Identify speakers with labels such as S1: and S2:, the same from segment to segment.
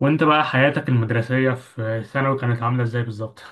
S1: وانت بقى حياتك المدرسية في ثانوي كانت عاملة ازاي بالظبط؟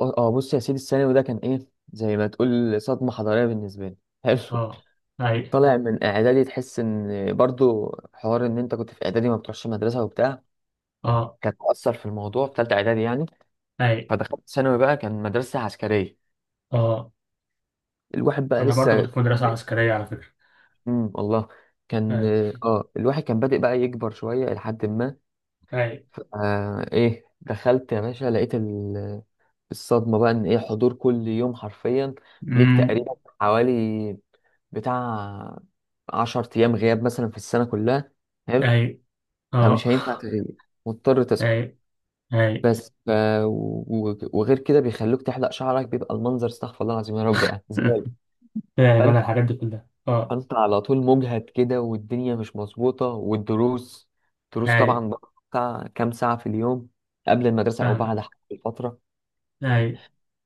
S2: بص يا سيدي الثانوي ده كان ايه زي ما تقول صدمة حضارية بالنسبة لي. حلو.
S1: اه، اي،
S2: طالع من اعدادي تحس ان برضو حوار ان انت كنت في اعدادي ما بتروحش مدرسة وبتاع،
S1: اه،
S2: كانت مؤثر في الموضوع في تالتة اعدادي يعني.
S1: اي،
S2: فدخلت ثانوي بقى، كان مدرسة عسكرية.
S1: اه،
S2: الواحد بقى
S1: انا برضه كنت
S2: لسه،
S1: في مدرسة
S2: إيه،
S1: عسكرية على فكرة.
S2: والله كان،
S1: اي،
S2: اه الواحد كان بادئ بقى يكبر شوية لحد ما
S1: اي،
S2: ف- آه ايه دخلت يا باشا لقيت الصدمة بقى ان ايه، حضور كل يوم حرفيا ليك،
S1: امم،
S2: تقريبا حوالي بتاع عشر أيام غياب مثلا في السنة كلها. حلو.
S1: اي، اه،
S2: فمش هينفع تغيب، مضطر
S1: اي،
S2: تصحى.
S1: اي.
S2: بس ف... وغير كده بيخلوك تحلق شعرك، بيبقى المنظر استغفر الله العظيم يا رب يعني زبالة.
S1: فاهم،
S2: فانت،
S1: انا الحاجات دي كلها. اه،
S2: فانت على طول مجهد كده والدنيا مش مظبوطة، والدروس دروس
S1: اي،
S2: طبعا بقى بتاع كام ساعة في اليوم، قبل المدرسة أو
S1: فاهم،
S2: بعد حسب الفترة.
S1: اي.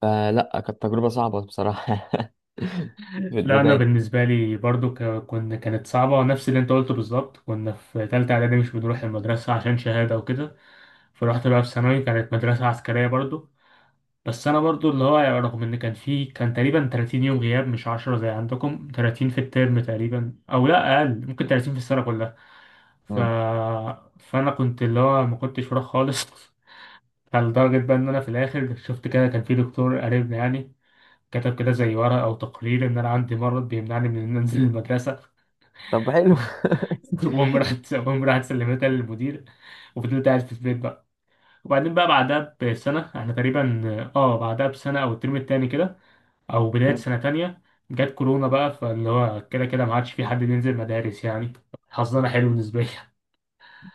S2: فلا كانت تجربة صعبة بصراحة في
S1: لا، انا
S2: البداية.
S1: بالنسبة لي برضه ك- كنا كانت صعبة، نفس اللي انت قلته بالظبط. كنا في تالتة اعدادي مش بنروح المدرسة عشان شهادة وكده. فرحت بقى في ثانوي كانت مدرسة عسكرية برضه. بس انا برضو اللي هو يعني، رغم ان كان تقريبا 30 يوم غياب، مش 10 زي عندكم، 30 في الترم تقريبا، او لا اقل ممكن 30 في السنه كلها. ف...
S2: مم.
S1: فانا كنت اللي هو ما كنتش فراغ خالص. لدرجه بقى ان انا في الاخر شفت كده، كان في دكتور قريبنا يعني، كتب كده زي ورقه او تقرير ان انا عندي مرض بيمنعني من ان انزل المدرسه.
S2: طب حلو.
S1: وأقوم راحت سلمتها للمدير، وفضلت قاعد في البيت بقى. وبعدين بقى بعدها بسنة احنا تقريبا، اه، بعدها بسنة أو الترم التاني كده، او بدايه سنه تانية، جت كورونا بقى، فاللي هو كده كده ما عادش في حد بينزل مدارس يعني. حظنا حلو بالنسبه لي.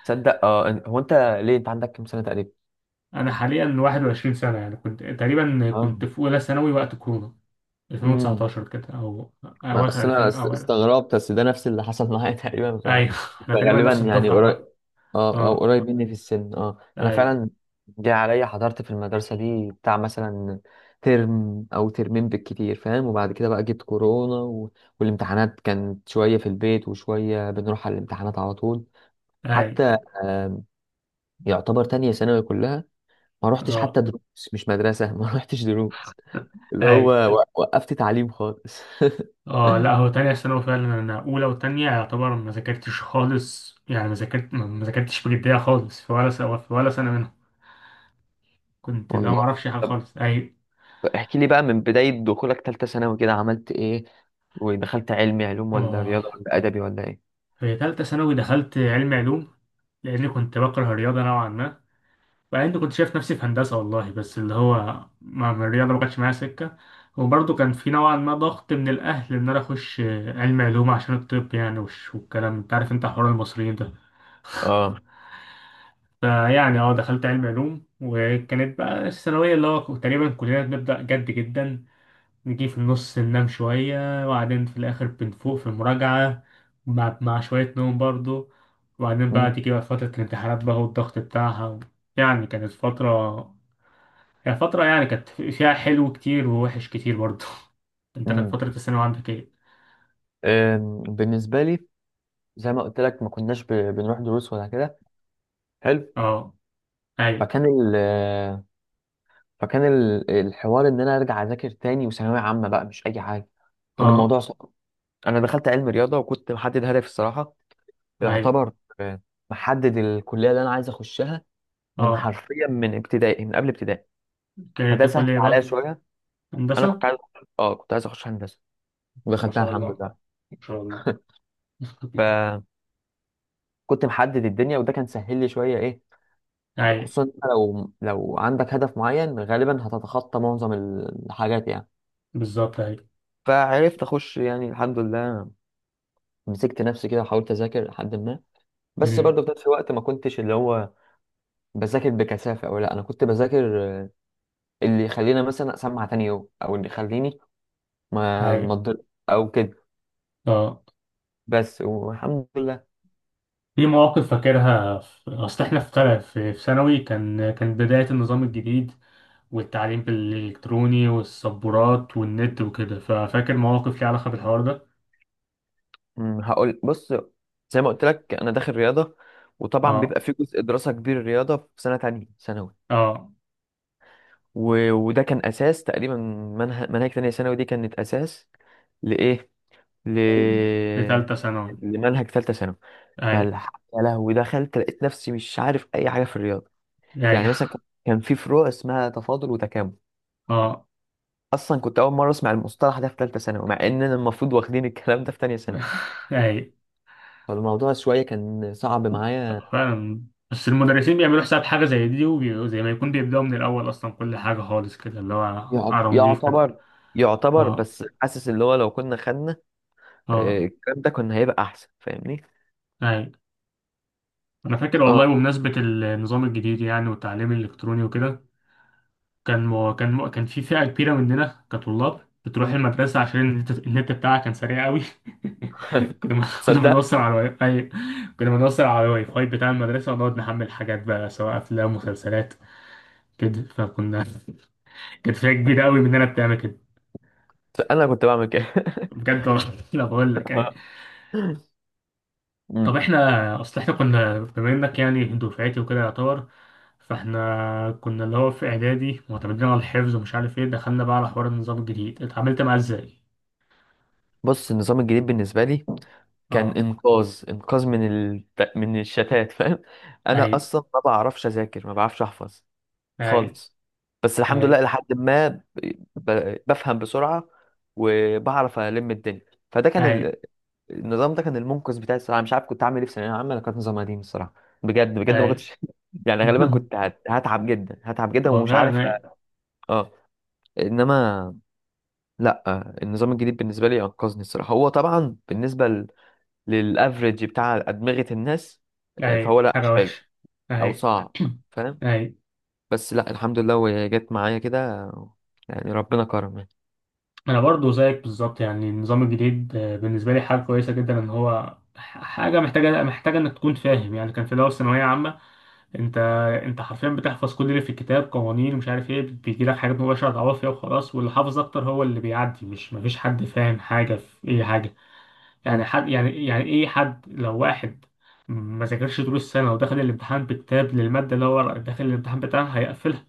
S2: تصدق اه هو انت، ليه انت عندك كام سنه تقريبا؟
S1: انا حاليا 21 سنه يعني، كنت تقريبا
S2: اه.
S1: كنت في اولى ثانوي وقت كورونا،
S2: امم.
S1: 2019 كده، او اواخر
S2: اصل انا
S1: 2000 او أنا.
S2: استغربت بس ده نفس اللي حصل معايا تقريبا.
S1: ايوه. احنا تقريبا
S2: فغالبا
S1: نفس
S2: يعني
S1: الدفعه
S2: قريب،
S1: بقى.
S2: اه او
S1: اه،
S2: قريب مني في السن اه انا
S1: ايوه،
S2: فعلا. جه عليا حضرت في المدرسه دي بتاع مثلا ترم او ترمين بالكتير فاهم، وبعد كده بقى جت كورونا والامتحانات كانت شويه في البيت وشويه بنروح على الامتحانات على طول.
S1: ايوه،
S2: حتى آم، يعتبر تانية ثانوي كلها ما روحتش حتى
S1: اه،
S2: دروس، مش مدرسه ما روحتش دروس اللي هو
S1: ايوه،
S2: وقفت تعليم خالص.
S1: اه. لا هو تانية ثانوي، فعلا انا اولى وتانية يعتبر ما ذاكرتش خالص يعني، ما ذاكرت ما ذاكرتش بجدية خالص في ولا سنة، في ولا سنة منهم. كنت لا، ما
S2: والله.
S1: اعرفش حاجة
S2: طب
S1: خالص. ايوه،
S2: احكي لي بقى من بداية دخولك تالتة ثانوي كده عملت ايه، ودخلت علمي علوم ولا
S1: اه.
S2: رياضة ولا أدبي ولا ايه؟
S1: في تالتة ثانوي دخلت علم علوم، لأني كنت بكره الرياضة نوعا ما. وبعدين كنت شايف نفسي في هندسة والله، بس اللي هو مع الرياضة ما كانتش معايا سكة. وبرضه كان في نوعا ما ضغط من الأهل إن أنا أخش علم علوم عشان الطب يعني، والكلام أنت عارف، أنت حوار المصريين ده.
S2: اه.
S1: فيعني، اه، دخلت علم علوم. وكانت بقى الثانوية اللي هو تقريبا كلنا بنبدأ جد جدا، نجي في النص ننام شوية، وبعدين في الآخر بنفوق في المراجعة مع شوية نوم برضو. وبعدين بقى
S2: مم.
S1: تيجي بقى فترة الامتحانات بقى والضغط بتاعها يعني كانت فترة، هي فترة يعني كانت فيها حلو كتير ووحش كتير برضو. انت كانت
S2: مم.
S1: فترة الثانوي عندك ايه؟
S2: أم، بالنسبة لي زي ما قلت لك ما كناش بنروح دروس ولا كده. حلو.
S1: اه، اي،
S2: فكان ال فكان الحوار ان انا ارجع اذاكر تاني، وثانوية عامة بقى مش اي حاجة، كان
S1: اه،
S2: الموضوع صعب. انا دخلت علم رياضة وكنت محدد هدف الصراحة،
S1: اي،
S2: يعتبر آه، محدد الكلية اللي انا عايز اخشها من
S1: اه،
S2: حرفيا من ابتدائي من قبل ابتدائي.
S1: كانت
S2: فده سهل
S1: الكلية
S2: عليا
S1: بقى
S2: شويه. انا كنت
S1: هندسة.
S2: عايز، اه كنت عايز اخش هندسه
S1: ما
S2: ودخلتها
S1: شاء
S2: الحمد
S1: الله،
S2: لله.
S1: ما شاء الله.
S2: فكنت محدد الدنيا وده كان سهل لي شويه ايه،
S1: اي،
S2: خصوصا إنت لو لو عندك هدف معين غالبا هتتخطى معظم الحاجات يعني.
S1: بالظبط، اي،
S2: فعرفت اخش يعني الحمد لله. مسكت نفسي كده وحاولت اذاكر لحد ما. بس
S1: امم،
S2: برضه في نفس الوقت ما كنتش اللي هو بذاكر بكثافه او لا، انا كنت بذاكر آه، اللي يخليني مثلا اسمع تاني يوم او اللي يخليني ما
S1: اي،
S2: ما أتضر- او كده.
S1: اه.
S2: بس والحمد لله.
S1: في مواقف فاكرها، اصل احنا في تل- في في ثانوي كان، كان بداية النظام الجديد والتعليم الالكتروني والسبورات والنت وكده، ففاكر مواقف ليها علاقة بالحوار ده.
S2: أمم، هقول بص، زي ما قلت لك انا داخل رياضه، وطبعا
S1: اه،
S2: بيبقى في جزء دراسه كبير رياضه في سنه تانية ثانوي.
S1: اه،
S2: وده كان اساس تقريبا منهج، منهج تانية ثانوي دي كانت اساس لايه، ل
S1: لتالتة ثانوي.
S2: لمنهج ثالثه ثانوي.
S1: اي،
S2: فالح يا لهوي دخلت لقيت نفسي مش عارف اي حاجه في الرياضه.
S1: اي،
S2: يعني مثلا كان في فروع اسمها تفاضل وتكامل،
S1: اه.
S2: اصلا كنت اول مره اسمع المصطلح ده في ثالثه ثانوي، مع اننا المفروض واخدين الكلام ده في تانية ثانوي.
S1: اي
S2: فالموضوع شويه كان صعب معايا.
S1: فعلا. بس المدرسين بيعملوا حساب حاجة زي دي، وزي ما يكون بيبدأوا من الأول أصلا كل حاجة خالص كده اللي هو على نضيف كده.
S2: يعتبر، يعتبر
S1: اه،
S2: بس حاسس اللي هو لو كنا خدنا آه،
S1: اه،
S2: الكلام ده كنا هيبقى احسن فاهمني.
S1: اي. انا فاكر والله،
S2: اه.
S1: بمناسبة النظام الجديد يعني والتعليم الالكتروني وكده، كان في فئة كبيرة مننا كطلاب بتروح المدرسة عشان النت، بتاعها كان سريع قوي. كنا
S2: صدق،
S1: بنوصل على واي فاي. كنا بنوصل على الواي فاي بتاع المدرسة ونقعد نحمل حاجات بقى، سواء أفلام، مسلسلات كده. فكنا، كانت فئة كبيرة قوي مننا بتعمل كده.
S2: انا كنت بعمل كده.
S1: بجد والله، لا بقول لك يعني.
S2: آه.
S1: طب
S2: مم.
S1: احنا، اصل احنا كنا بما انك يعني دفعتي وكده يعتبر، فاحنا كنا اللي هو في اعدادي معتمدين على الحفظ ومش عارف ايه، دخلنا بقى على حوار النظام الجديد، اتعاملت معاه ازاي؟
S2: بص النظام الجديد بالنسبه لي كان
S1: اه،
S2: انقاذ، انقاذ من الشتات فاهم. انا
S1: ايوه،
S2: اصلا ما بعرفش اذاكر، ما بعرفش احفظ
S1: اي،
S2: خالص. بس الحمد
S1: اي،
S2: لله لحد ما بفهم بسرعة وبعرف ألم الدنيا. فده كان
S1: اي،
S2: ال... النظام ده كان المنقذ بتاعي الصراحة. مش عارف كنت عامل ايه في ثانوية عامة انا، كانت نظام قديم الصراحة. بجد بجد ما
S1: اي.
S2: كنتش يعني غالبا كنت هتعب جدا، هتعب جدا
S1: هو
S2: ومش عارف
S1: فعلا، اي،
S2: اه. انما لا، النظام الجديد بالنسبة لي انقذني الصراحة، هو طبعا بالنسبة للافريج بتاع أدمغة الناس آه، فهو
S1: اي
S2: لا مش
S1: حاجة
S2: حلو
S1: وحشة،
S2: او
S1: اي،
S2: صعب فاهم.
S1: اي.
S2: بس لا الحمد لله وهي جت معايا كده، يعني ربنا كرم يعني.
S1: انا برضو زيك بالظبط يعني، النظام الجديد آه، بالنسبة لي حاجة كويسة جدا ان هو حاجة محتاجة، محتاجة انك تكون فاهم يعني. كان في الاول ثانوية عامة، انت، انت حرفيا بتحفظ كل اللي في الكتاب، قوانين ومش عارف ايه، بيجي لك حاجات مباشرة تعوض فيها وخلاص، واللي حافظ اكتر هو اللي بيعدي. مش مفيش حد فاهم حاجة في اي حاجة يعني.
S2: مم.
S1: حد يعني، يعني ايه حد، لو واحد ما ذاكرش طول السنة ودخل الامتحان بكتاب للمادة اللي هو داخل الامتحان بتاعها هيقفلها.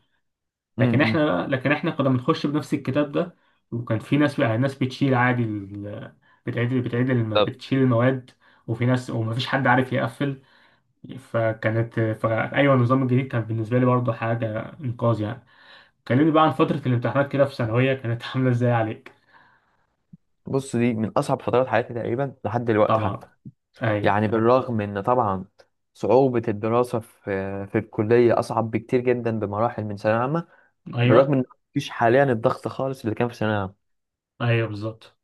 S2: مم.
S1: لكن احنا
S2: مم.
S1: لا، لكن احنا كنا بنخش بنفس الكتاب ده. وكان في ناس يعني، ناس بتشيل عادي بتعيد الم-
S2: طب،
S1: بتشيل المواد، وفي ناس، ومفيش حد عارف يقفل. فكانت، فأيوة النظام الجديد كان بالنسبة لي برضه حاجة إنقاذ يعني. كلمني بقى عن فترة الامتحانات كده في ثانوية، كانت عاملة ازاي عليك؟
S2: بص دي من أصعب فترات حياتي تقريبا لحد دلوقتي
S1: طبعا،
S2: حتى،
S1: أيوه،
S2: يعني بالرغم إن طبعا صعوبة الدراسة في في الكلية أصعب بكتير جدا بمراحل من ثانوية عامة، بالرغم
S1: أيوه،
S2: إن مفيش حاليا الضغط خالص اللي كان في ثانوية عامة.
S1: أيوه، بالظبط،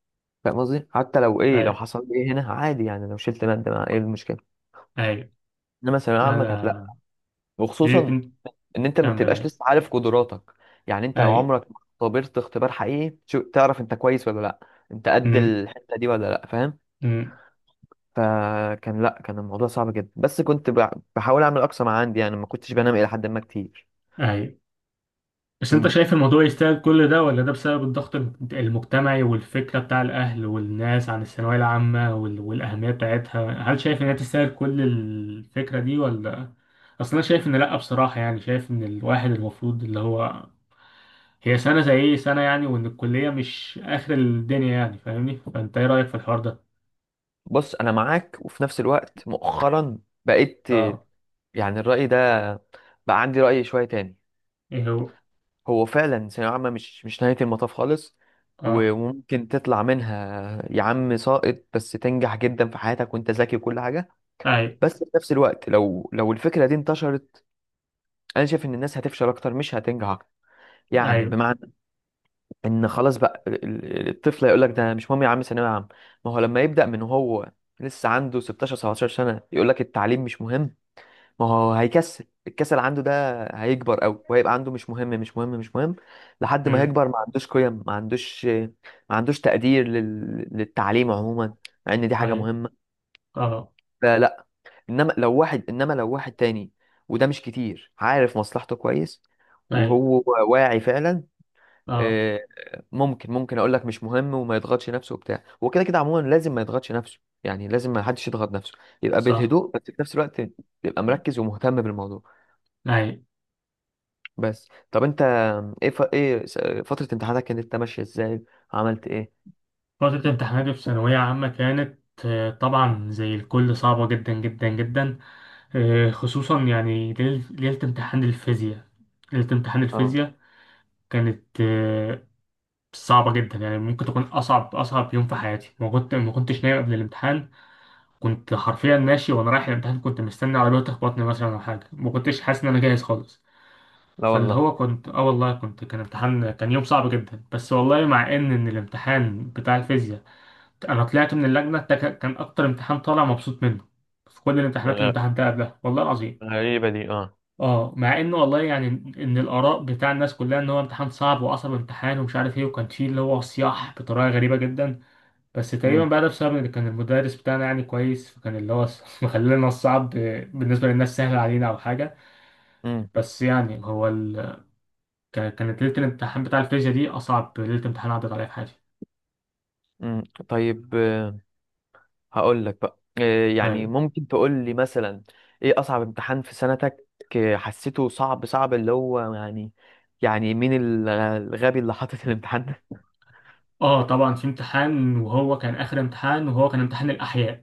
S2: فاهم قصدي؟ حتى لو إيه لو
S1: أيوه،
S2: حصل لي إيه هنا عادي يعني، لو شلت مادة ما إيه المشكلة.
S1: أيوه،
S2: إنما ثانوية
S1: لا
S2: عامة كانت لأ،
S1: لا، ليه،
S2: وخصوصا ان انت ما
S1: تكمل،
S2: بتبقاش
S1: أي،
S2: لسه عارف قدراتك. يعني انت
S1: أي،
S2: عمرك ما اختبرت اختبار حقيقي تعرف انت كويس ولا لا، انت قد
S1: أمم،
S2: الحتة دي ولا لا فاهم.
S1: أمم،
S2: فكان لا كان الموضوع صعب جدا، بس كنت بحاول اعمل اقصى ما عندي يعني، ما كنتش بنام الى حد ما كتير.
S1: أي. بس أنت
S2: مم.
S1: شايف الموضوع يستاهل كل ده، ولا ده بسبب الضغط المجتمعي والفكرة بتاع الأهل والناس عن الثانوية العامة والأهمية بتاعتها؟ هل شايف إن هي تستاهل كل الفكرة دي ولا؟ أصل أنا شايف إن لأ بصراحة يعني، شايف إن الواحد المفروض اللي هو، هي سنة زي أي سنة يعني، وإن الكلية مش آخر الدنيا يعني، فاهمني؟ فأنت إيه رأيك في الحوار ده؟
S2: بص انا معاك، وفي نفس الوقت مؤخرا بقيت،
S1: أه،
S2: يعني الرأي ده بقى عندي رأي شوية تاني.
S1: إيه هو؟
S2: هو فعلا ثانوية عامة مش مش نهاية المطاف خالص،
S1: أه،
S2: وممكن تطلع منها يا عم ساقط بس تنجح جدا في حياتك وانت ذكي وكل حاجة.
S1: أي،
S2: بس في نفس الوقت لو لو الفكره دي انتشرت، انا شايف ان الناس هتفشل اكتر مش هتنجح أكتر. يعني
S1: أي،
S2: بمعنى ان خلاص بقى الطفل هيقول لك ده مش مهم يا عم ثانويه عامه. ما هو لما يبدا من هو لسه عنده 16 17 سنه يقول لك التعليم مش مهم، ما هو هيكسل، الكسل عنده ده هيكبر قوي وهيبقى عنده مش مهم مش مهم مش مهم، لحد ما
S1: أمم،
S2: هيكبر ما عندوش قيم، ما عندوش، ما عندوش تقدير للتعليم عموما، مع ان دي حاجه
S1: أي،
S2: مهمه.
S1: أه،
S2: فلا، انما لو واحد تاني، وده مش كتير، عارف مصلحته كويس
S1: أي،
S2: وهو واعي فعلا،
S1: أه،
S2: آه، ممكن ممكن اقول لك مش مهم وما يضغطش نفسه وبتاع. هو كده كده عموما لازم ما يضغطش نفسه، يعني لازم ما حدش يضغط نفسه، يبقى
S1: صح،
S2: بالهدوء بس في نفس الوقت يبقى مركز ومهتم بالموضوع.
S1: أي.
S2: بس طب انت ايه ايه فترة امتحاناتك كانت ماشية ازاي، عملت ايه؟
S1: فترة امتحاناتي في ثانوية عامة كانت آه، طبعا زي الكل صعبة جدا جدا جدا. آه، خصوصا يعني، ليلة امتحان الفيزياء، ليلة امتحان
S2: اه.
S1: الفيزياء كانت آه، صعبة جدا يعني، ممكن تكون أصعب، أصعب يوم في حياتي. ما كنتش نايم قبل الامتحان. كنت حرفيا ماشي وأنا رايح الامتحان كنت مستني عربية تخبطني مثلا أو حاجة، ما كنتش حاسس إن أنا جاهز خالص.
S2: لا
S1: فاللي
S2: والله.
S1: هو كنت اه والله، كنت كان يوم صعب جدا. بس والله، مع ان الامتحان بتاع الفيزياء انا طلعت من اللجنه، ده كان، كان اكتر امتحان طالع مبسوط منه في كل الامتحانات،
S2: غ-
S1: الامتحان ده قبلها والله العظيم.
S2: غريبة دي اه.
S1: اه، مع ان والله يعني، ان الاراء بتاع الناس كلها ان هو امتحان صعب، واصعب امتحان ومش عارف ايه، وكان فيه اللي هو صياح بطريقه غريبه جدا. بس تقريبا
S2: امم.
S1: بقى ده بسبب ان كان المدرس بتاعنا يعني كويس، فكان اللي هو مخلينا الصعب بالنسبه للناس سهل علينا او حاجه.
S2: امم.
S1: بس يعني كانت ليلة الامتحان بتاع الفيزياء دي أصعب ليلة امتحان عدت عليا في حياتي.
S2: امم. طيب هقول لك بقى إيه، يعني
S1: أيوة،
S2: ممكن تقول لي مثلا ايه اصعب امتحان في سنتك، إيه حسيته صعب صعب اللي هو يعني، يعني مين الغبي اللي حاطط الامتحان
S1: آه طبعا، في امتحان، وهو كان آخر امتحان، وهو كان امتحان الأحياء.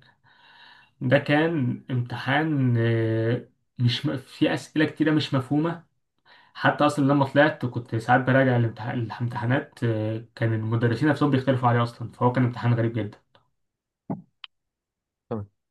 S1: ده كان امتحان آه، مش م... في أسئلة كتيرة مش مفهومة. حتى أصلا لما طلعت كنت ساعات براجع الامتحانات آه، كان المدرسين نفسهم بيختلفوا عليه أصلا، فهو كان امتحان غريب جدا.
S2: ده.